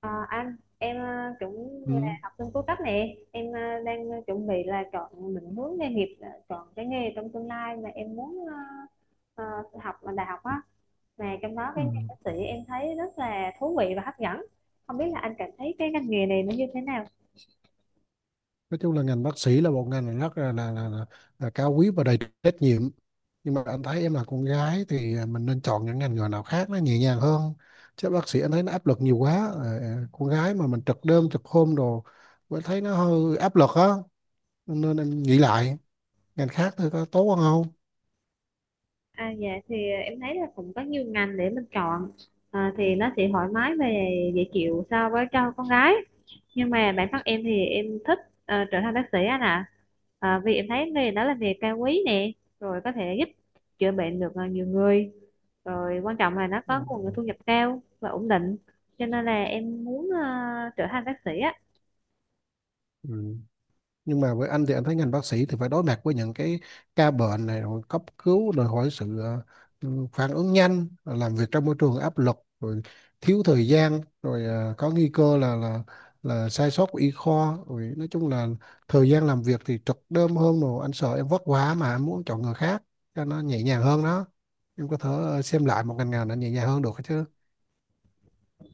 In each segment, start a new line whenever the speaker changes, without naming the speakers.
Ờ, anh em cũng là
Ừ,
học sinh cuối cấp nè em đang chuẩn bị là chọn định hướng nghề nghiệp, là chọn cái nghề trong tương lai mà em muốn ờ, học ở đại học á, mà trong đó
ừ.
cái nghề bác sĩ em thấy rất là thú vị và hấp dẫn. Không biết là anh cảm thấy cái ngành nghề này nó như thế nào?
Nói chung là ngành bác sĩ là một ngành rất là cao quý và đầy trách nhiệm, nhưng mà anh thấy em là con gái thì mình nên chọn những ngành nghề nào khác nó nhẹ nhàng hơn, chứ bác sĩ anh thấy nó áp lực nhiều quá. Ờ, con gái mà mình trực đêm trực hôm đồ, anh thấy nó hơi áp lực á, nên anh nghĩ lại ngành khác thôi có tốt hơn không.
Dạ, thì em thấy là cũng có nhiều ngành để mình chọn. Thì nó sẽ thoải mái và dễ chịu so với cho con gái, nhưng mà bản thân em thì em thích trở thành bác sĩ anh ạ. Vì em thấy nghề đó là nghề cao quý nè, rồi có thể giúp chữa bệnh được nhiều người, rồi quan trọng là nó có nguồn thu nhập cao và ổn định, cho nên là em muốn trở thành bác sĩ á.
Ừ. Nhưng mà với anh thì anh thấy ngành bác sĩ thì phải đối mặt với những cái ca bệnh này rồi cấp cứu, đòi hỏi sự phản ứng nhanh, rồi làm việc trong môi trường áp lực, rồi thiếu thời gian, rồi có nguy cơ là sai sót của y khoa, rồi nói chung là thời gian làm việc thì trực đêm hơn, rồi anh sợ em vất quá mà em muốn chọn người khác cho nó nhẹ nhàng hơn đó. Em có thể xem lại một ngành nào nó nhẹ nhàng hơn được chứ.
ừ,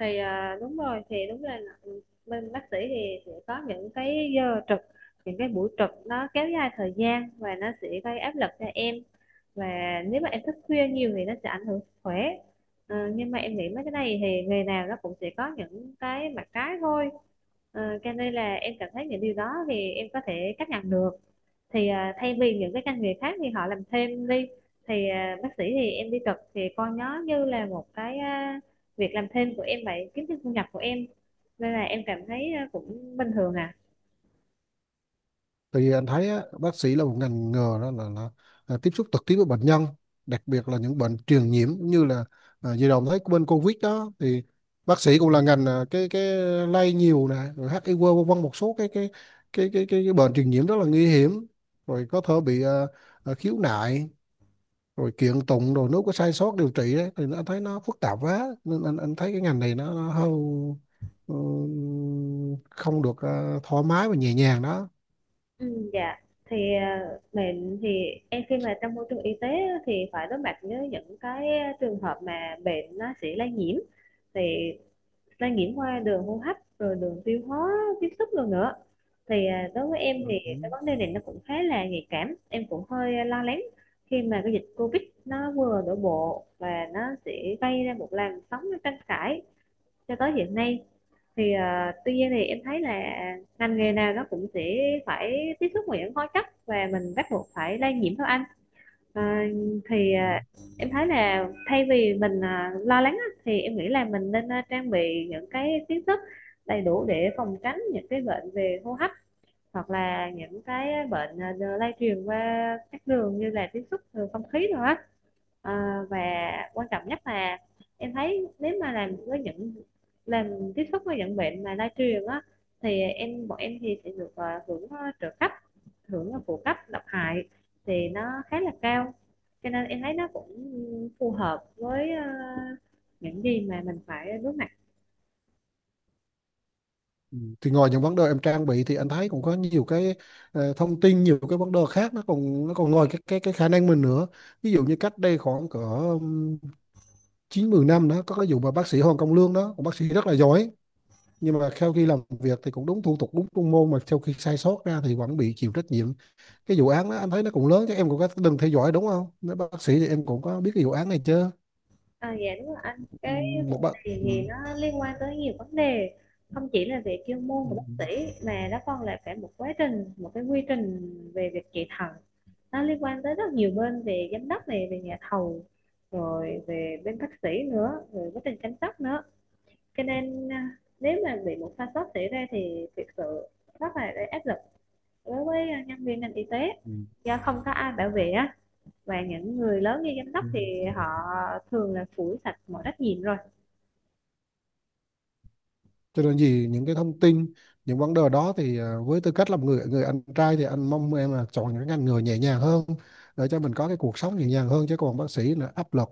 thì đúng rồi, thì đúng là, bên bác sĩ thì sẽ có những cái giờ trực, những cái buổi trực nó kéo dài thời gian và nó sẽ gây áp lực cho em, và nếu mà em thức khuya nhiều thì nó sẽ ảnh hưởng sức khỏe. Nhưng mà em nghĩ mấy cái này thì nghề nào nó cũng sẽ có những cái mặt trái thôi. Cho nên là em cảm thấy những điều đó thì em có thể chấp nhận được. Thì thay vì những cái ngành nghề khác thì họ làm thêm đi, thì bác sĩ thì em đi trực thì coi nó như là một cái, việc làm thêm của em vậy, kiếm thêm thu nhập của em, nên là em cảm thấy cũng bình thường ạ.
Tại vì anh thấy á, bác sĩ là một ngành nghề đó là tiếp xúc trực tiếp với bệnh nhân, đặc biệt là những bệnh truyền nhiễm, như là vừa đồng thấy bên Covid đó thì bác sĩ cũng là ngành cái lây nhiều nè, rồi HIV vân vân, một số cái bệnh truyền nhiễm rất là nguy hiểm, rồi có thể bị khiếu nại, rồi kiện tụng, rồi nếu có sai sót điều trị đấy thì anh thấy nó phức tạp quá, nên anh thấy cái ngành này nó hơi ừ, không được thoải mái và nhẹ nhàng đó.
Ừ, dạ. Thì mình thì em khi mà trong môi trường y tế á, thì phải đối mặt với những cái trường hợp mà bệnh nó sẽ lây nhiễm, thì lây nhiễm qua đường hô hấp rồi đường tiêu hóa tiếp xúc rồi nữa. Thì đối với em thì
Ừ.
cái vấn đề này nó cũng khá là nhạy cảm, em cũng hơi lo lắng khi mà cái dịch Covid nó vừa đổ bộ và nó sẽ gây ra một làn sóng tranh cãi cho tới hiện nay. Thì tuy nhiên thì em thấy là ngành nghề nào nó cũng sẽ phải tiếp xúc với những hóa chất và mình bắt buộc phải lây nhiễm thôi anh. Ờ, thì
Ừ.
em thấy là thay vì mình lo lắng á, thì em nghĩ là mình nên trang bị những cái kiến thức đầy đủ để phòng tránh những cái bệnh về hô hấp, hoặc là những cái bệnh lây truyền qua các đường như là tiếp xúc từ không khí rồi á. Và quan trọng nhất là em thấy nếu mà làm tiếp xúc với những bệnh mà lây truyền á, thì bọn em thì sẽ được hưởng trợ cấp, hưởng phụ cấp độc hại, thì nó khá là cao, cho nên em thấy nó cũng phù hợp với những gì mà mình phải đối mặt.
Ừ. Thì ngoài những vấn đề em trang bị thì anh thấy cũng có nhiều cái thông tin, nhiều cái vấn đề khác, nó còn ngoài cái khả năng mình nữa. Ví dụ như cách đây khoảng cỡ chín mười năm đó, có cái vụ mà bác sĩ Hoàng Công Lương đó, một bác sĩ rất là giỏi, nhưng mà sau khi làm việc thì cũng đúng thủ tục, đúng chuyên môn, mà sau khi sai sót ra thì vẫn bị chịu trách nhiệm. Cái vụ án đó anh thấy nó cũng lớn chứ, em cũng có đừng theo dõi đúng không, nếu bác sĩ thì em cũng có biết cái vụ án này chứ.
À, dạ đúng rồi anh.
Ừ,
Cái
một
vụ
bác
này
Ừ.
thì nó liên quan tới nhiều vấn đề, không chỉ là về chuyên môn
Ừ.
của bác sĩ mà nó còn là cả một quá trình, một cái quy trình về việc trị thận. Nó liên quan tới rất nhiều bên, về giám đốc này, về nhà thầu, rồi về bên bác sĩ nữa, rồi quá trình chăm sóc nữa. Cho nên nếu mà bị một sai sót xảy ra thì thực sự rất là gây áp lực đối với nhân viên ngành y tế,
Ừ.
do không có ai bảo vệ á. Và những người lớn như giám đốc
Ừ.
thì họ thường là phủi sạch mọi trách nhiệm rồi.
Cho nên gì những cái thông tin, những vấn đề đó thì với tư cách là một người người anh trai thì anh mong em là chọn những ngành nghề nhẹ nhàng hơn, để cho mình có cái cuộc sống nhẹ nhàng hơn, chứ còn bác sĩ là áp lực.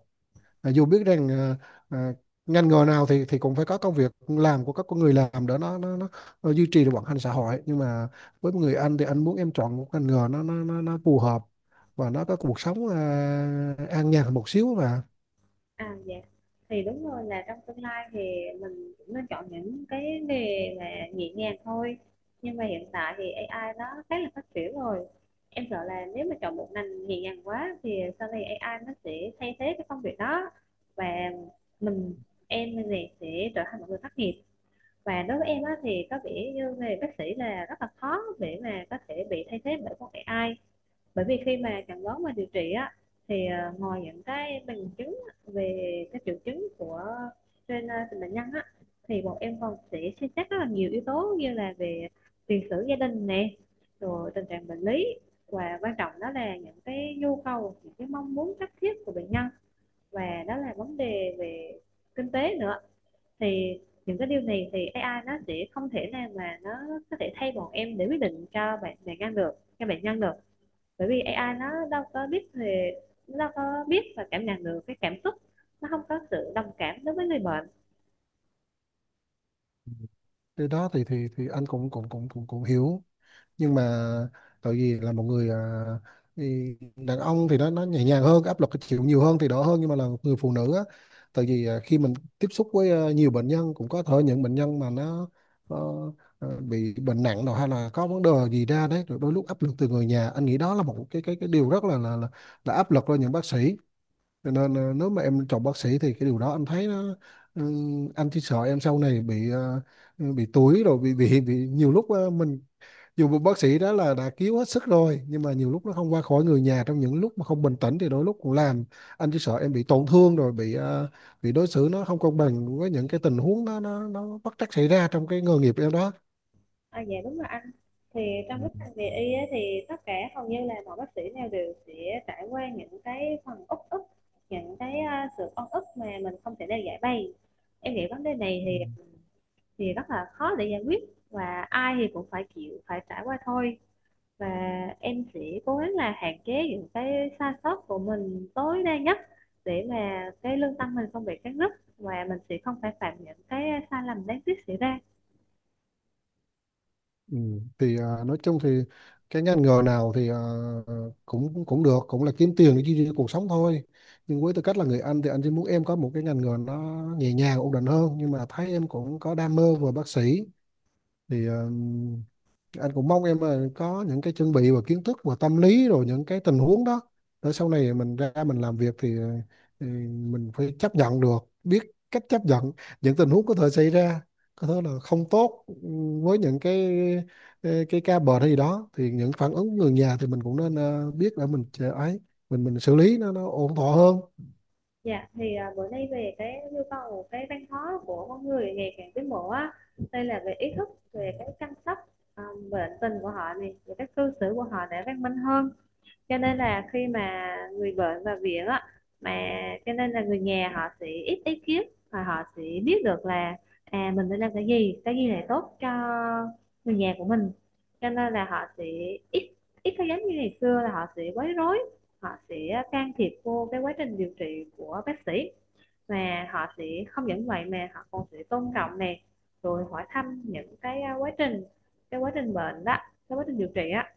Dù biết rằng à, ngành nghề nào thì cũng phải có công việc làm của các con người làm để nó duy trì được vận hành xã hội, nhưng mà với một người anh thì anh muốn em chọn một ngành nghề nó phù hợp, và nó có cuộc sống an nhàn một xíu mà.
À dạ, thì đúng rồi, là trong tương lai thì mình cũng nên chọn những cái nghề mà nhẹ nhàng thôi. Nhưng mà hiện tại thì AI nó khá là phát triển rồi, em sợ là nếu mà chọn một ngành nhẹ nhàng quá thì sau này AI nó sẽ thay thế cái công việc đó. Và mình, em này sẽ trở thành một người thất nghiệp. Và đối với em á, thì có vẻ như nghề bác sĩ là rất là khó để mà có thể bị thay thế bởi con AI, bởi vì khi mà chẩn đoán và điều trị á, thì ngoài những cái bằng chứng về các triệu chứng của trên bệnh nhân á, thì bọn em còn sẽ xem xét rất là nhiều yếu tố, như là về tiền sử gia đình nè, rồi tình trạng bệnh lý, và quan trọng đó là những cái nhu cầu, những cái mong muốn cấp thiết của bệnh nhân, và đó là vấn đề về kinh tế nữa. Thì những cái điều này thì AI nó sẽ không thể nào mà nó có thể thay bọn em để quyết định cho bệnh nhân được. Bởi vì AI nó đâu có biết về, nó có biết và cảm nhận được cái cảm xúc, nó không có sự đồng cảm đối với người bệnh.
Cái đó thì thì anh cũng cũng cũng cũng cũng hiểu, nhưng mà tại vì là một người thì đàn ông thì nó nhẹ nhàng hơn, áp lực chịu nhiều hơn thì đỡ hơn, nhưng mà là một người phụ nữ á, tại vì khi mình tiếp xúc với nhiều bệnh nhân, cũng có thể những bệnh nhân mà nó ờ, bị bệnh nặng rồi, hay là có vấn đề gì ra đấy, rồi đôi lúc áp lực từ người nhà, anh nghĩ đó là một cái điều rất là áp lực cho những bác sĩ. Cho nên nếu mà em chọn bác sĩ thì cái điều đó anh thấy nó ừ, anh chỉ sợ em sau này bị bị túi, rồi bị nhiều lúc mình, dù một bác sĩ đó là đã cứu hết sức rồi, nhưng mà nhiều lúc nó không qua khỏi, người nhà trong những lúc mà không bình tĩnh thì đôi lúc cũng làm, anh chỉ sợ em bị tổn thương, rồi bị bị đối xử nó không công bằng với những cái tình huống nó bất trắc xảy ra trong cái nghề nghiệp em đó.
Dạ đúng rồi anh. Thì
Ừ.
trong cái ngành nghề y á, thì tất cả hầu như là mọi bác sĩ nào đều sẽ trải qua những cái phần uất ức, những cái sự oan ức mà mình không thể nào giải bày. Em nghĩ vấn đề này
Ừ.
thì rất là khó để giải quyết, và ai thì cũng phải chịu phải trải qua thôi. Và em sẽ cố gắng là hạn chế những cái sai sót của mình tối đa nhất, để mà cái lương tâm mình không bị cắt rứt, và mình sẽ không phải phạm những cái sai lầm đáng tiếc xảy ra.
Ừ. Thì nói chung thì cái ngành nghề nào thì cũng cũng được, cũng là kiếm tiền để duy trì cuộc sống thôi, nhưng với tư cách là người anh thì anh chỉ muốn em có một cái ngành nghề nó nhẹ nhàng, ổn định hơn, nhưng mà thấy em cũng có đam mê về bác sĩ, thì anh cũng mong em là có những cái chuẩn bị và kiến thức và tâm lý rồi những cái tình huống đó, để sau này mình ra mình làm việc thì mình phải chấp nhận được, biết cách chấp nhận những tình huống có thể xảy ra, có thể là không tốt, với những cái ca bệnh hay gì đó, thì những phản ứng người nhà thì mình cũng nên biết để mình chờ ấy, mình xử lý nó ổn thỏa hơn.
Dạ, thì bữa nay về cái nhu cầu, cái văn hóa của con người ngày càng tiến bộ á, đây là về ý thức, về cái chăm sóc à, bệnh tình của họ này, về các cư xử của họ để văn minh hơn. Cho nên là khi mà người bệnh vào viện á, mà cho nên là người nhà họ sẽ ít ý kiến, và họ sẽ biết được là, à mình nên làm cái gì, cái gì là tốt cho người nhà của mình. Cho nên là họ sẽ ít, ít có giống như ngày xưa là họ sẽ quấy rối, họ sẽ can thiệp vô cái quá trình điều trị của bác sĩ. Và họ sẽ, không những vậy mà họ còn sẽ tôn trọng nè, rồi hỏi thăm những cái quá trình, cái quá trình bệnh đó, cái quá trình điều trị á.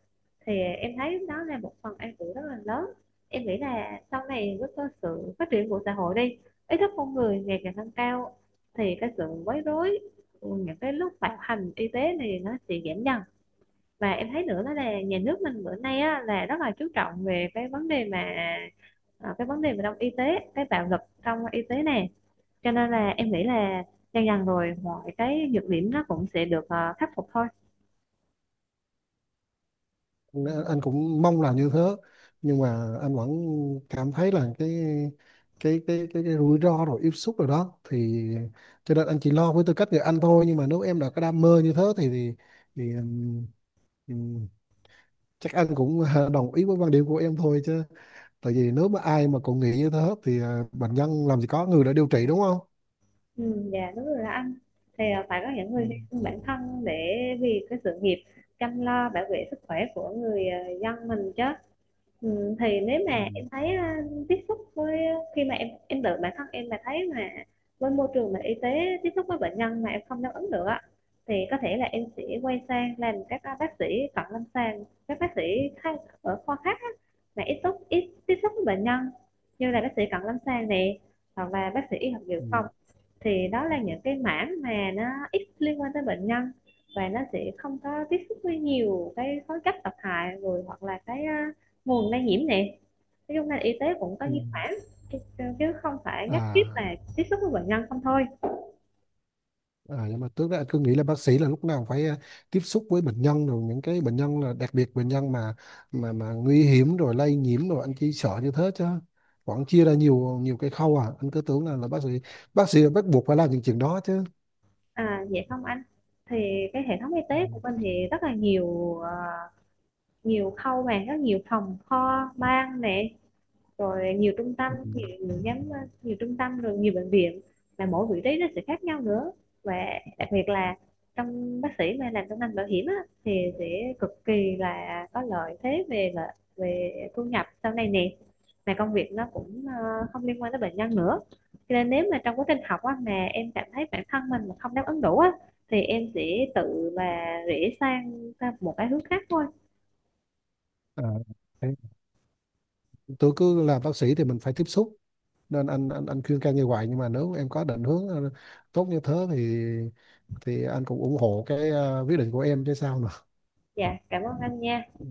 Thì em thấy đó là một phần an ủi rất là lớn. Em nghĩ là sau này với cái sự phát triển của xã hội đi, ý thức con người ngày càng tăng cao, thì cái sự quấy rối, những cái lúc bạo hành y tế này nó sẽ giảm dần. Và em thấy nữa đó là nhà nước mình bữa nay á, là rất là chú trọng về cái vấn đề mà cái vấn đề về trong y tế, cái bạo lực trong y tế này. Cho nên là em nghĩ là dần dần rồi mọi cái nhược điểm nó cũng sẽ được khắc phục thôi.
Nên anh cũng mong là như thế, nhưng mà anh vẫn cảm thấy là cái rủi ro rồi tiếp xúc rồi đó, thì cho nên anh chỉ lo với tư cách người anh thôi, nhưng mà nếu em đã có đam mê như thế thì ừm, chắc anh cũng đồng ý với quan điểm của em thôi chứ, tại vì nếu mà ai mà cũng nghĩ như thế thì bệnh nhân làm gì có người đã điều trị, đúng không.
Ừ, dạ đúng rồi đó anh. Thì phải có những
Ừ.
người hy sinh bản thân để vì cái sự nghiệp chăm lo bảo vệ sức khỏe của người dân mình chứ. Ừ, thì nếu
Ừ.
mà em thấy tiếp xúc với khi mà em tự bản thân em mà thấy mà với môi trường mà y tế tiếp xúc với bệnh nhân mà em không đáp ứng được á, thì có thể là em sẽ quay sang làm các bác sĩ cận lâm sàng, các bác sĩ khác ở khoa khác á, mà ít tiếp xúc với bệnh nhân, như là bác sĩ cận lâm sàng này, hoặc là bác sĩ y học dự
Ừ.
phòng. Thì đó là những cái mảng mà nó ít liên quan tới bệnh nhân, và nó sẽ không có tiếp xúc với nhiều cái khối chất độc hại rồi, hoặc là cái nguồn lây nhiễm nè. Nói chung là y tế cũng có
Ừ.
di khoản, chứ không phải nhất thiết
à
là tiếp xúc với bệnh nhân không thôi.
À, nhưng mà trước đó anh cứ nghĩ là bác sĩ là lúc nào phải tiếp xúc với bệnh nhân, rồi những cái bệnh nhân là đặc biệt bệnh nhân mà mà nguy hiểm rồi lây nhiễm, rồi anh chỉ sợ như thế chứ vẫn chia ra nhiều nhiều cái khâu, anh cứ tưởng là bác sĩ là bắt buộc phải làm những chuyện đó chứ.
Vậy không anh. Thì cái hệ thống y
Ừ.
tế của mình thì rất là nhiều nhiều khâu, mà rất nhiều phòng kho ban nè, rồi nhiều trung tâm,
Ừ.
nhiều nhóm, nhiều trung tâm, rồi nhiều bệnh viện, mà mỗi vị trí nó sẽ khác nhau nữa. Và đặc biệt là trong bác sĩ mà làm trong ngành bảo hiểm á, thì sẽ cực kỳ là có lợi thế về là về thu nhập sau này nè, mà công việc nó cũng không liên quan tới bệnh nhân nữa. Cho nên nếu mà trong quá trình học á, mà em cảm thấy bản thân mình mà không đáp ứng đủ á, thì em sẽ tự mà rẽ sang sang một cái hướng khác thôi.
À, thế tôi cứ làm bác sĩ thì mình phải tiếp xúc, nên anh khuyên can như vậy, nhưng mà nếu em có định hướng tốt như thế thì anh cũng ủng hộ cái quyết định của em chứ sao nữa.
Dạ, cảm ơn anh nha.
Ừ.